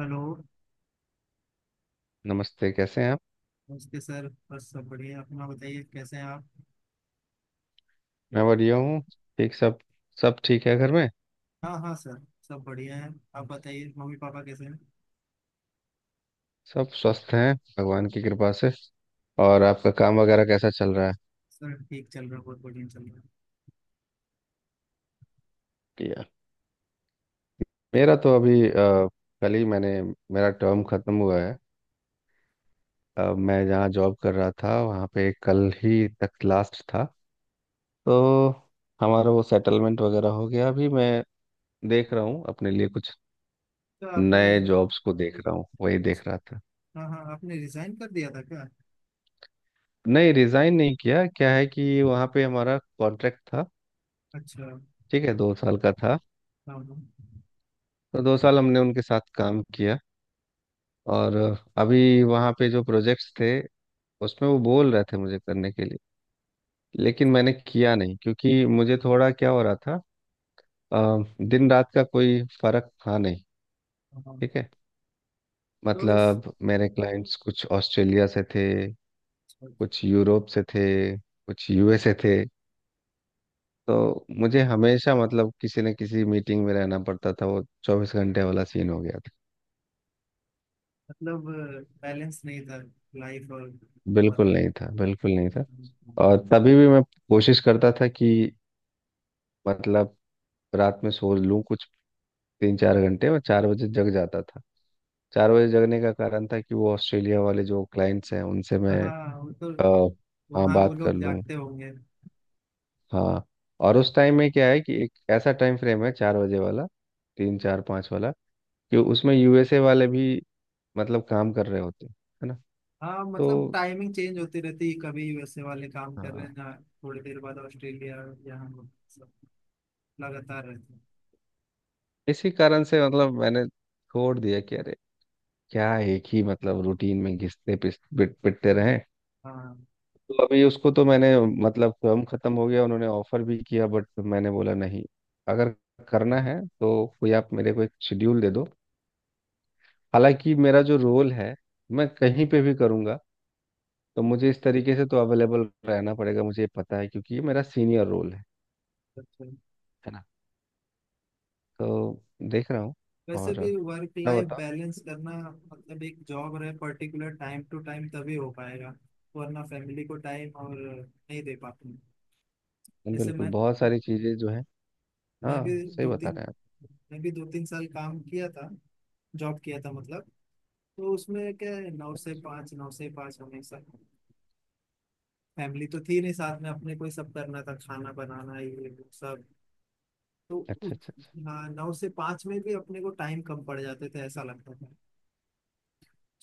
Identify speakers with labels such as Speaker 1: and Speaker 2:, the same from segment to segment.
Speaker 1: Hello.
Speaker 2: नमस्ते। कैसे हैं आप?
Speaker 1: नमस्ते सर, बस सब बढ़िया है। अपना बताइए, कैसे हैं आप?
Speaker 2: मैं बढ़िया हूँ। ठीक सब। सब ठीक है घर में।
Speaker 1: हाँ हाँ सर, सब बढ़िया है। आप बताइए, मम्मी पापा कैसे हैं?
Speaker 2: सब स्वस्थ हैं भगवान की कृपा से। और आपका काम वगैरह कैसा चल रहा है?
Speaker 1: सर ठीक चल रहा है, बहुत बढ़िया चल रहा है।
Speaker 2: किया। मेरा तो अभी कल ही मैंने मेरा टर्म खत्म हुआ है। मैं जहाँ जॉब कर रहा था वहाँ पे कल ही तक लास्ट था। तो हमारा वो सेटलमेंट वगैरह हो गया। अभी मैं देख रहा हूँ अपने लिए कुछ
Speaker 1: तो आपने...
Speaker 2: नए जॉब्स को, देख रहा हूँ वही देख रहा था।
Speaker 1: हाँ हाँ, आपने रिजाइन कर दिया था क्या?
Speaker 2: नहीं, रिजाइन नहीं किया। क्या है कि वहाँ पे हमारा कॉन्ट्रैक्ट था।
Speaker 1: अच्छा।
Speaker 2: ठीक है, 2 साल का था।
Speaker 1: हाँ हाँ हाँ।
Speaker 2: तो 2 साल हमने उनके साथ काम किया। और अभी वहाँ पे जो प्रोजेक्ट्स थे उसमें वो बोल रहे थे मुझे करने के लिए, लेकिन मैंने किया नहीं, क्योंकि मुझे थोड़ा क्या हो रहा था। दिन रात का कोई फर्क था नहीं।
Speaker 1: हाँ।
Speaker 2: ठीक है।
Speaker 1: तो इस...
Speaker 2: मतलब मेरे क्लाइंट्स कुछ ऑस्ट्रेलिया से थे, कुछ यूरोप से थे, कुछ यूएसए थे। तो मुझे हमेशा, मतलब, किसी न किसी मीटिंग में रहना पड़ता था। वो 24 घंटे वाला सीन हो गया था।
Speaker 1: मतलब बैलेंस नहीं था, लाइफ और
Speaker 2: बिल्कुल
Speaker 1: वर्क।
Speaker 2: नहीं था, बिल्कुल नहीं था। और तभी भी मैं कोशिश करता था कि, मतलब, रात में सो लूं कुछ तीन चार घंटे। मैं 4 बजे जग जाता था। 4 बजे जगने का कारण था कि वो ऑस्ट्रेलिया वाले जो क्लाइंट्स हैं उनसे मैं
Speaker 1: हाँ वो तो...
Speaker 2: अ, हाँ
Speaker 1: वहाँ वो
Speaker 2: बात कर
Speaker 1: लोग
Speaker 2: लूँ।
Speaker 1: जागते होंगे।
Speaker 2: हाँ। और उस
Speaker 1: हाँ।
Speaker 2: टाइम में क्या है कि एक ऐसा टाइम फ्रेम है 4 बजे वाला, तीन चार पाँच वाला, कि उसमें यूएसए वाले भी, मतलब, काम कर रहे होते हैं। है ना?
Speaker 1: हाँ, मतलब
Speaker 2: तो
Speaker 1: टाइमिंग चेंज होती रहती है, कभी USA वाले काम कर रहे
Speaker 2: हाँ,
Speaker 1: हैं ना, थोड़ी देर बाद ऑस्ट्रेलिया, या हम लोग, सब लगातार रहते हैं।
Speaker 2: इसी कारण से मतलब मैंने छोड़ दिया कि अरे, क्या एक ही मतलब रूटीन में घिसते पिटते रहे।
Speaker 1: हाँ।
Speaker 2: तो अभी उसको तो मैंने, मतलब, स्वयं खत्म हो गया। उन्होंने ऑफर भी किया बट मैंने बोला नहीं। अगर करना है तो कोई आप मेरे को एक शेड्यूल दे दो। हालांकि मेरा जो रोल है, मैं कहीं पे भी करूँगा। तो मुझे इस तरीके से तो अवेलेबल रहना पड़ेगा, मुझे ये पता है, क्योंकि ये मेरा सीनियर रोल है।
Speaker 1: अच्छा।
Speaker 2: है ना? तो देख रहा हूँ।
Speaker 1: वैसे
Speaker 2: और
Speaker 1: भी वर्क
Speaker 2: ना
Speaker 1: लाइफ
Speaker 2: बताओ।
Speaker 1: बैलेंस करना मतलब एक जॉब रहे पर्टिकुलर, टाइम टू टाइम तभी हो पाएगा। वरना फैमिली को टाइम और नहीं दे पाते हैं।
Speaker 2: हाँ,
Speaker 1: जैसे
Speaker 2: बिल्कुल, बहुत सारी चीज़ें जो है।
Speaker 1: मैं भी
Speaker 2: हाँ, सही
Speaker 1: दो
Speaker 2: बता
Speaker 1: तीन
Speaker 2: रहे हैं आप।
Speaker 1: मैं भी दो तीन साल काम किया था, जॉब किया था मतलब। तो उसमें क्या है, 9 से 5, नौ से पाँच हमेशा। फैमिली तो थी नहीं साथ में, अपने को ही सब करना था, खाना बनाना ये वो सब। तो उस...
Speaker 2: अच्छा, अच्छा, अच्छा।
Speaker 1: हाँ, 9 से 5 में भी अपने को टाइम कम पड़ जाते थे, ऐसा लगता था।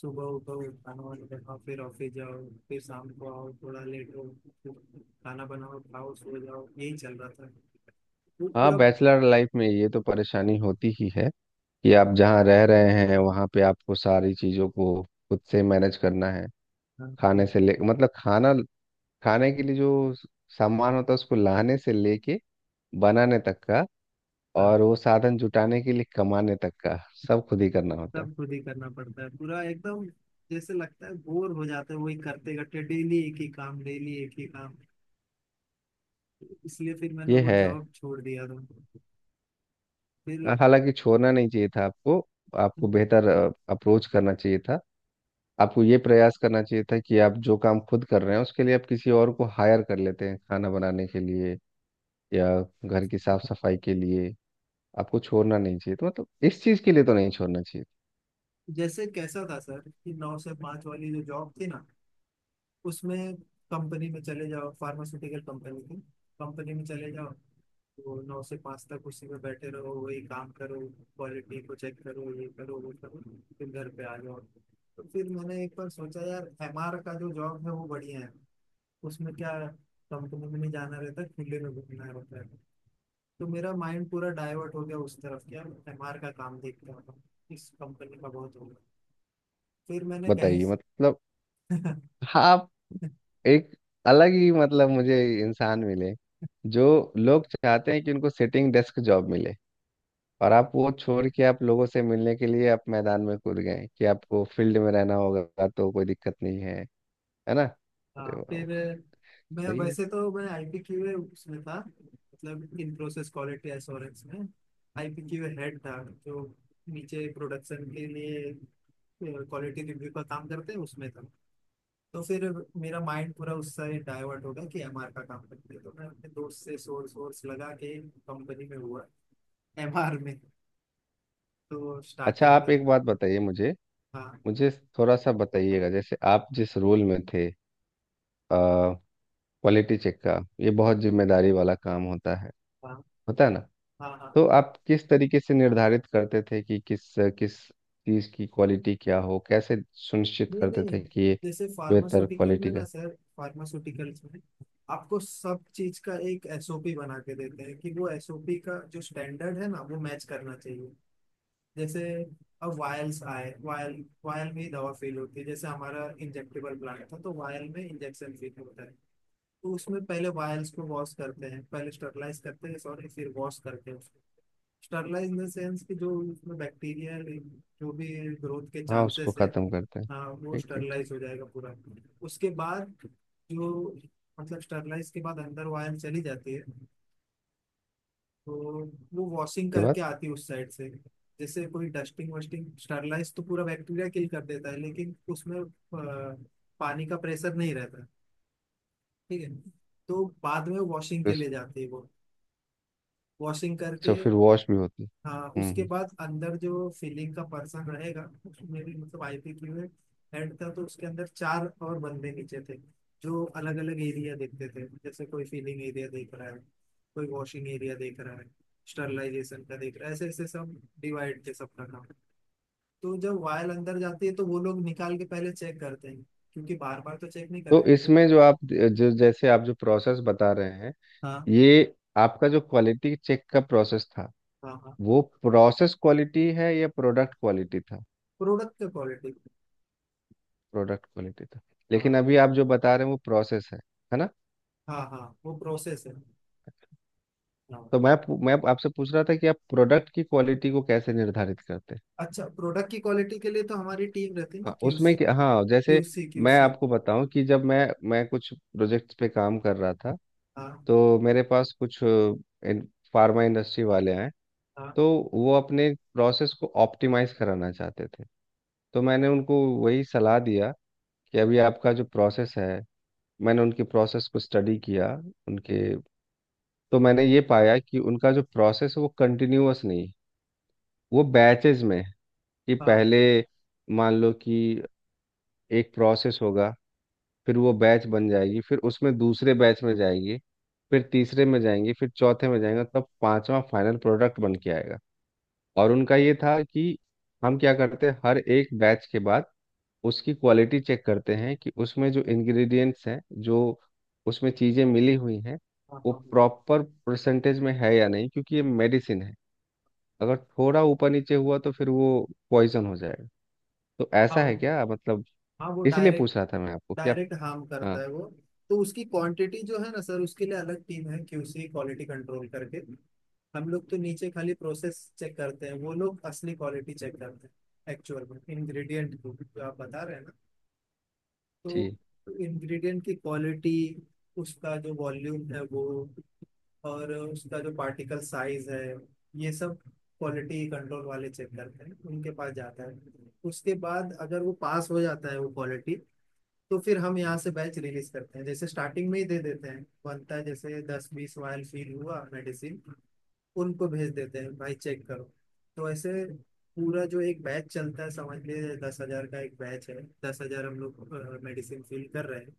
Speaker 1: सुबह उठो, खाना वाना बनाओ, फिर ऑफिस जाओ, फिर शाम को आओ थोड़ा लेट हो, फिर खाना बनाओ, खाओ, सो जाओ, यही चल रहा था। वो
Speaker 2: हाँ,
Speaker 1: पूरा...
Speaker 2: बैचलर लाइफ में ये तो परेशानी होती ही है कि आप जहाँ रह रहे हैं वहाँ पे आपको सारी चीज़ों को खुद से मैनेज करना है।
Speaker 1: हाँ,
Speaker 2: खाने
Speaker 1: ठीक
Speaker 2: से ले, मतलब, खाना खाने के लिए जो सामान होता है उसको लाने से लेके बनाने तक का।
Speaker 1: था।
Speaker 2: और वो साधन जुटाने के लिए कमाने तक का, सब खुद ही करना होता है।
Speaker 1: सब खुद ही करना पड़ता है पूरा एकदम। जैसे लगता है बोर हो जाते हैं, वही करते करते, डेली एक ही काम, डेली एक ही काम। इसलिए फिर मैंने
Speaker 2: ये
Speaker 1: वो
Speaker 2: है।
Speaker 1: जॉब छोड़ दिया था। फिर...
Speaker 2: हालांकि छोड़ना नहीं चाहिए था आपको। आपको बेहतर अप्रोच करना चाहिए था। आपको ये प्रयास करना चाहिए था कि आप जो काम खुद कर रहे हैं उसके लिए आप किसी और को हायर कर लेते हैं, खाना बनाने के लिए या घर की साफ सफाई के लिए। आपको छोड़ना नहीं चाहिए, तो मतलब इस चीज के लिए तो नहीं छोड़ना चाहिए।
Speaker 1: जैसे कैसा था सर कि 9 से 5 वाली जो जॉब थी ना, उसमें कंपनी में चले जाओ, फार्मास्यूटिकल कंपनी थी, कंपनी में चले जाओ, तो 9 से 5 तक उसी में बैठे रहो, वही काम करो, क्वालिटी को चेक करो, ये करो, वो करो, फिर घर पे आ जाओ। तो फिर मैंने एक बार सोचा, यार MR का जो जॉब है वो बढ़िया है। उसमें क्या, कंपनी में नहीं जाना रहता, खुले में घूमना रहता है। तो मेरा माइंड पूरा डाइवर्ट हो गया उस तरफ, क्या MR का काम देखता हूँ, इस कंपनी का बहुत हो... फिर मैंने कहीं
Speaker 2: बताइए,
Speaker 1: से...
Speaker 2: मतलब। हाँ आप, एक अलग ही, मतलब, मुझे इंसान मिले। जो लोग चाहते हैं कि उनको सिटिंग डेस्क जॉब मिले, और आप वो छोड़ के आप लोगों से मिलने के लिए आप मैदान में कूद गए, कि आपको फील्ड में रहना होगा तो कोई दिक्कत नहीं है। है ना? अरे
Speaker 1: हाँ
Speaker 2: वाह!
Speaker 1: फिर... मैं
Speaker 2: सही है।
Speaker 1: वैसे तो मैं IPQ उसमें था, मतलब इन प्रोसेस क्वालिटी एश्योरेंस में। IPQ हेड था जो नीचे प्रोडक्शन के लिए क्वालिटी रिव्यू का काम करते हैं, उसमें था। तो फिर मेरा माइंड पूरा उससे डाइवर्ट हो गया कि MR का काम करते हैं, तो मैं अपने दोस्त से सोर्स सोर्स लगा के कंपनी में हुआ, MR में। तो
Speaker 2: अच्छा,
Speaker 1: स्टार्टिंग में...
Speaker 2: आप एक बात बताइए मुझे।
Speaker 1: हाँ
Speaker 2: मुझे थोड़ा सा बताइएगा, जैसे आप जिस रोल में थे, क्वालिटी चेक का, ये
Speaker 1: हाँ
Speaker 2: बहुत जिम्मेदारी वाला काम होता है।
Speaker 1: हाँ
Speaker 2: होता है ना?
Speaker 1: हाँ हाँ।
Speaker 2: तो आप किस तरीके से निर्धारित करते थे कि किस किस चीज की क्वालिटी क्या हो, कैसे सुनिश्चित
Speaker 1: नहीं
Speaker 2: करते थे
Speaker 1: नहीं,
Speaker 2: कि ये
Speaker 1: जैसे
Speaker 2: बेहतर
Speaker 1: फार्मास्यूटिकल में
Speaker 2: क्वालिटी
Speaker 1: ना
Speaker 2: का?
Speaker 1: सर, फार्मास्यूटिकल्स में आपको सब चीज का एक SOP बना के देते हैं, कि वो SOP का जो स्टैंडर्ड है ना वो मैच करना चाहिए। जैसे अब वायल्स आए, वायल वायल में ही दवा फेल होती है, जैसे हमारा इंजेक्टेबल प्लांट था, तो वायल में इंजेक्शन फेल होता है। तो उसमें पहले वायल्स को वॉश करते हैं, पहले स्टरलाइज करते हैं, सॉरी फिर वॉश करते हैं उसको। स्टरलाइज इन द सेंस कि जो उसमें बैक्टीरिया, जो भी ग्रोथ के
Speaker 2: हाँ, उसको
Speaker 1: चांसेस है।
Speaker 2: खत्म करते हैं।
Speaker 1: हाँ, वो
Speaker 2: ठीक, ठीक, ठीक।
Speaker 1: स्टरलाइज हो जाएगा पूरा। उसके बाद जो... मतलब स्टरलाइज के बाद अंदर वायर चली जाती है, तो वो वॉशिंग
Speaker 2: के
Speaker 1: करके
Speaker 2: बाद।
Speaker 1: आती है उस साइड से। जैसे कोई डस्टिंग वस्टिंग, स्टरलाइज तो पूरा बैक्टीरिया किल कर देता है, लेकिन उसमें पानी का प्रेशर नहीं रहता, ठीक है। तो बाद में वॉशिंग
Speaker 2: तो
Speaker 1: के
Speaker 2: इस-
Speaker 1: लिए जाती है वो, वॉशिंग
Speaker 2: अच्छा,
Speaker 1: करके।
Speaker 2: फिर वॉश भी होती है।
Speaker 1: हाँ,
Speaker 2: हम्म,
Speaker 1: उसके बाद अंदर जो फिलिंग का पर्सन रहेगा, उसमें भी मतलब IPQ है, हेड था, तो उसके अंदर चार और बंदे नीचे थे, जो अलग अलग एरिया देखते थे। जैसे कोई फीलिंग एरिया देख रहा है, कोई वॉशिंग एरिया देख रहा है, स्टरलाइजेशन का देख रहा है, ऐसे ऐसे सब डिवाइड थे सबका काम। तो जब वायल अंदर जाती है तो वो लोग निकाल के पहले चेक करते हैं, क्योंकि बार बार तो चेक नहीं कर
Speaker 2: तो
Speaker 1: रहे
Speaker 2: इसमें जो आप जो जैसे आप जो प्रोसेस बता रहे हैं,
Speaker 1: हाँ
Speaker 2: ये आपका जो क्वालिटी चेक का प्रोसेस था,
Speaker 1: हाँ। हाँ
Speaker 2: वो प्रोसेस क्वालिटी है या प्रोडक्ट क्वालिटी था?
Speaker 1: प्रोडक्ट का क्वालिटी।
Speaker 2: प्रोडक्ट क्वालिटी था, लेकिन
Speaker 1: हाँ
Speaker 2: अभी आप जो बता रहे हैं वो प्रोसेस है। है ना?
Speaker 1: हाँ हाँ वो प्रोसेस है। हाँ।
Speaker 2: तो मैं आपसे पूछ रहा था कि आप प्रोडक्ट की क्वालिटी को कैसे निर्धारित करते हैं।
Speaker 1: अच्छा, प्रोडक्ट की क्वालिटी के लिए तो हमारी टीम रहती है ना,
Speaker 2: हाँ
Speaker 1: क्यूस
Speaker 2: उसमें कि, हाँ जैसे
Speaker 1: क्यूसी
Speaker 2: मैं
Speaker 1: क्यूसी
Speaker 2: आपको बताऊं, कि जब मैं कुछ प्रोजेक्ट्स पे काम कर रहा था,
Speaker 1: हाँ
Speaker 2: तो मेरे पास कुछ फार्मा इंडस्ट्री वाले आए।
Speaker 1: हाँ
Speaker 2: तो वो अपने प्रोसेस को ऑप्टिमाइज कराना चाहते थे। तो मैंने उनको वही सलाह दिया कि अभी आपका जो प्रोसेस है, मैंने उनके प्रोसेस को स्टडी किया उनके। तो मैंने ये पाया कि उनका जो प्रोसेस है वो कंटिन्यूअस नहीं है, वो बैचेज में है। कि
Speaker 1: हाँ
Speaker 2: पहले, मान लो कि एक प्रोसेस होगा, फिर वो बैच बन जाएगी, फिर उसमें दूसरे बैच में जाएंगे, फिर तीसरे में जाएंगे, फिर चौथे में जाएंगे, तब पांचवा फाइनल प्रोडक्ट बन के आएगा। और उनका ये था कि हम क्या करते हैं, हर एक बैच के बाद उसकी क्वालिटी चेक करते हैं कि उसमें जो इंग्रेडिएंट्स हैं, जो उसमें चीज़ें मिली हुई हैं,
Speaker 1: हाँ
Speaker 2: वो
Speaker 1: हाँ हाँ।
Speaker 2: प्रॉपर परसेंटेज में है या नहीं, क्योंकि ये मेडिसिन है। अगर थोड़ा ऊपर नीचे हुआ तो फिर वो पॉइजन हो जाएगा। तो
Speaker 1: हाँ
Speaker 2: ऐसा
Speaker 1: वो...
Speaker 2: है क्या, मतलब?
Speaker 1: हाँ वो
Speaker 2: इसीलिए
Speaker 1: डायरेक्ट...
Speaker 2: पूछ रहा था मैं आपको कि आप,
Speaker 1: डायरेक्ट हार्म करता
Speaker 2: हाँ।
Speaker 1: है वो। तो उसकी क्वांटिटी जो है ना सर, उसके लिए अलग टीम है, QC, क्वालिटी कंट्रोल करके। हम लोग तो नीचे खाली प्रोसेस चेक करते हैं, वो लोग असली क्वालिटी चेक करते हैं एक्चुअल में, इंग्रेडिएंट को, जो आप बता रहे हैं ना। तो
Speaker 2: जी।
Speaker 1: इंग्रेडिएंट की क्वालिटी, उसका जो वॉल्यूम है वो, और उसका जो पार्टिकल साइज है, ये सब क्वालिटी कंट्रोल वाले चेक करते हैं, उनके पास जाता है। उसके बाद अगर वो पास हो जाता है वो क्वालिटी, तो फिर हम यहाँ से बैच रिलीज करते हैं। जैसे स्टार्टिंग में ही दे देते हैं, बनता है, जैसे 10 20 वायल फील हुआ मेडिसिन, उनको भेज देते हैं भाई चेक करो। तो ऐसे पूरा जो एक बैच चलता है, समझ लीजिए 10,000 का एक बैच है, 10,000 हम लोग मेडिसिन फिल कर रहे हैं।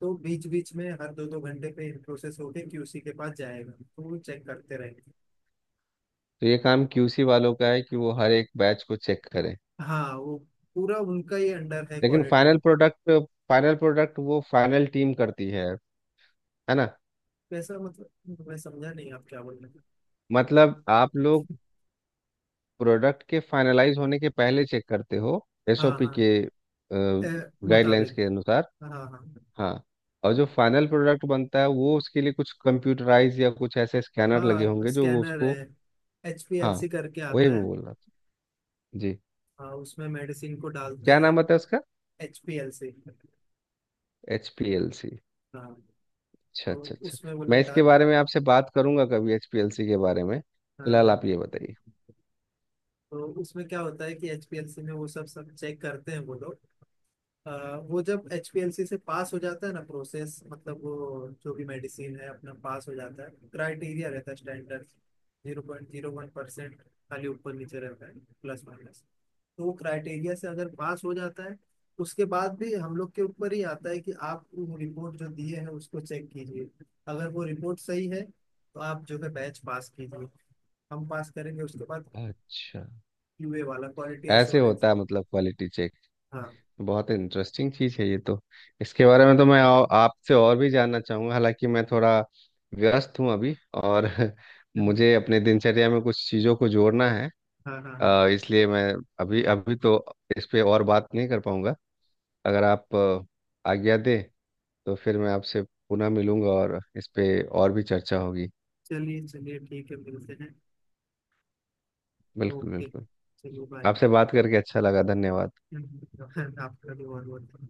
Speaker 1: तो बीच बीच में हर 2 2 घंटे पे प्रोसेस होके QC के पास जाएगा, तो वो चेक करते रहेंगे।
Speaker 2: तो ये काम क्यूसी वालों का है कि वो हर एक बैच को चेक करें।
Speaker 1: हाँ वो... पूरा उनका ही अंडर है
Speaker 2: लेकिन
Speaker 1: quality.
Speaker 2: Final product, final product वो फाइनल टीम करती है। है ना?
Speaker 1: कैसा? मतलब मैं समझा नहीं, आप क्या बोल रहे हैं?
Speaker 2: मतलब आप लोग प्रोडक्ट के फाइनलाइज होने के पहले चेक करते हो,
Speaker 1: हाँ
Speaker 2: एसओपी
Speaker 1: हाँ।
Speaker 2: के
Speaker 1: ए,
Speaker 2: गाइडलाइंस
Speaker 1: मुताबिक।
Speaker 2: के अनुसार।
Speaker 1: हाँ हाँ।
Speaker 2: हाँ। और जो फाइनल प्रोडक्ट बनता है वो, उसके लिए कुछ कंप्यूटराइज या कुछ ऐसे स्कैनर लगे
Speaker 1: हाँ,
Speaker 2: होंगे जो वो
Speaker 1: स्कैनर
Speaker 2: उसको?
Speaker 1: है, एच पी एल
Speaker 2: हाँ,
Speaker 1: सी करके
Speaker 2: वही
Speaker 1: आता
Speaker 2: मैं
Speaker 1: है।
Speaker 2: बोल रहा था। जी।
Speaker 1: हाँ उसमें मेडिसिन को डालते
Speaker 2: क्या नाम
Speaker 1: हैं।
Speaker 2: बताया उसका?
Speaker 1: एच पी एल से।
Speaker 2: HPLC।
Speaker 1: हाँ।
Speaker 2: अच्छा,
Speaker 1: तो
Speaker 2: अच्छा, अच्छा।
Speaker 1: उसमें वो
Speaker 2: मैं
Speaker 1: लोग
Speaker 2: इसके
Speaker 1: डाल...
Speaker 2: बारे में आपसे बात करूंगा कभी, एचपीएलसी के बारे में।
Speaker 1: हाँ
Speaker 2: फिलहाल
Speaker 1: हाँ।
Speaker 2: आप ये बताइए।
Speaker 1: तो उसमें क्या होता है कि HPLC में वो सब सब चेक करते हैं वो लोग। वो जब HPLC से पास हो जाता है ना प्रोसेस, मतलब वो जो भी मेडिसिन है अपना पास हो जाता है, क्राइटेरिया रहता है स्टैंडर्ड। 0.01% खाली ऊपर नीचे रहता है, प्लस माइनस। वो क्राइटेरिया से अगर पास हो जाता है, उसके बाद भी हम लोग के ऊपर ही आता है कि आप वो रिपोर्ट जो दिए हैं उसको चेक कीजिए। अगर वो रिपोर्ट सही है तो आप जो है बैच पास कीजिए। हम पास करेंगे उसके बाद,
Speaker 2: अच्छा,
Speaker 1: QA वाला, क्वालिटी
Speaker 2: ऐसे
Speaker 1: एश्योरेंस।
Speaker 2: होता है मतलब क्वालिटी चेक।
Speaker 1: हाँ
Speaker 2: बहुत इंटरेस्टिंग चीज़ है ये तो। इसके बारे में तो मैं आपसे और भी जानना चाहूंगा, हालांकि मैं थोड़ा व्यस्त हूँ अभी। और मुझे अपने दिनचर्या में कुछ चीज़ों को जोड़ना है।
Speaker 1: हाँ हाँ हाँ।
Speaker 2: इसलिए मैं अभी अभी तो इस पे और बात नहीं कर पाऊंगा। अगर आप आज्ञा दें, तो फिर मैं आपसे पुनः मिलूंगा और इस पे और भी चर्चा होगी।
Speaker 1: चलिए चलिए, ठीक है, मिलते हैं।
Speaker 2: बिल्कुल,
Speaker 1: ओके।
Speaker 2: बिल्कुल।
Speaker 1: चलिए बाय।
Speaker 2: आपसे बात करके अच्छा लगा, धन्यवाद।
Speaker 1: आपका भी बहुत बहुत।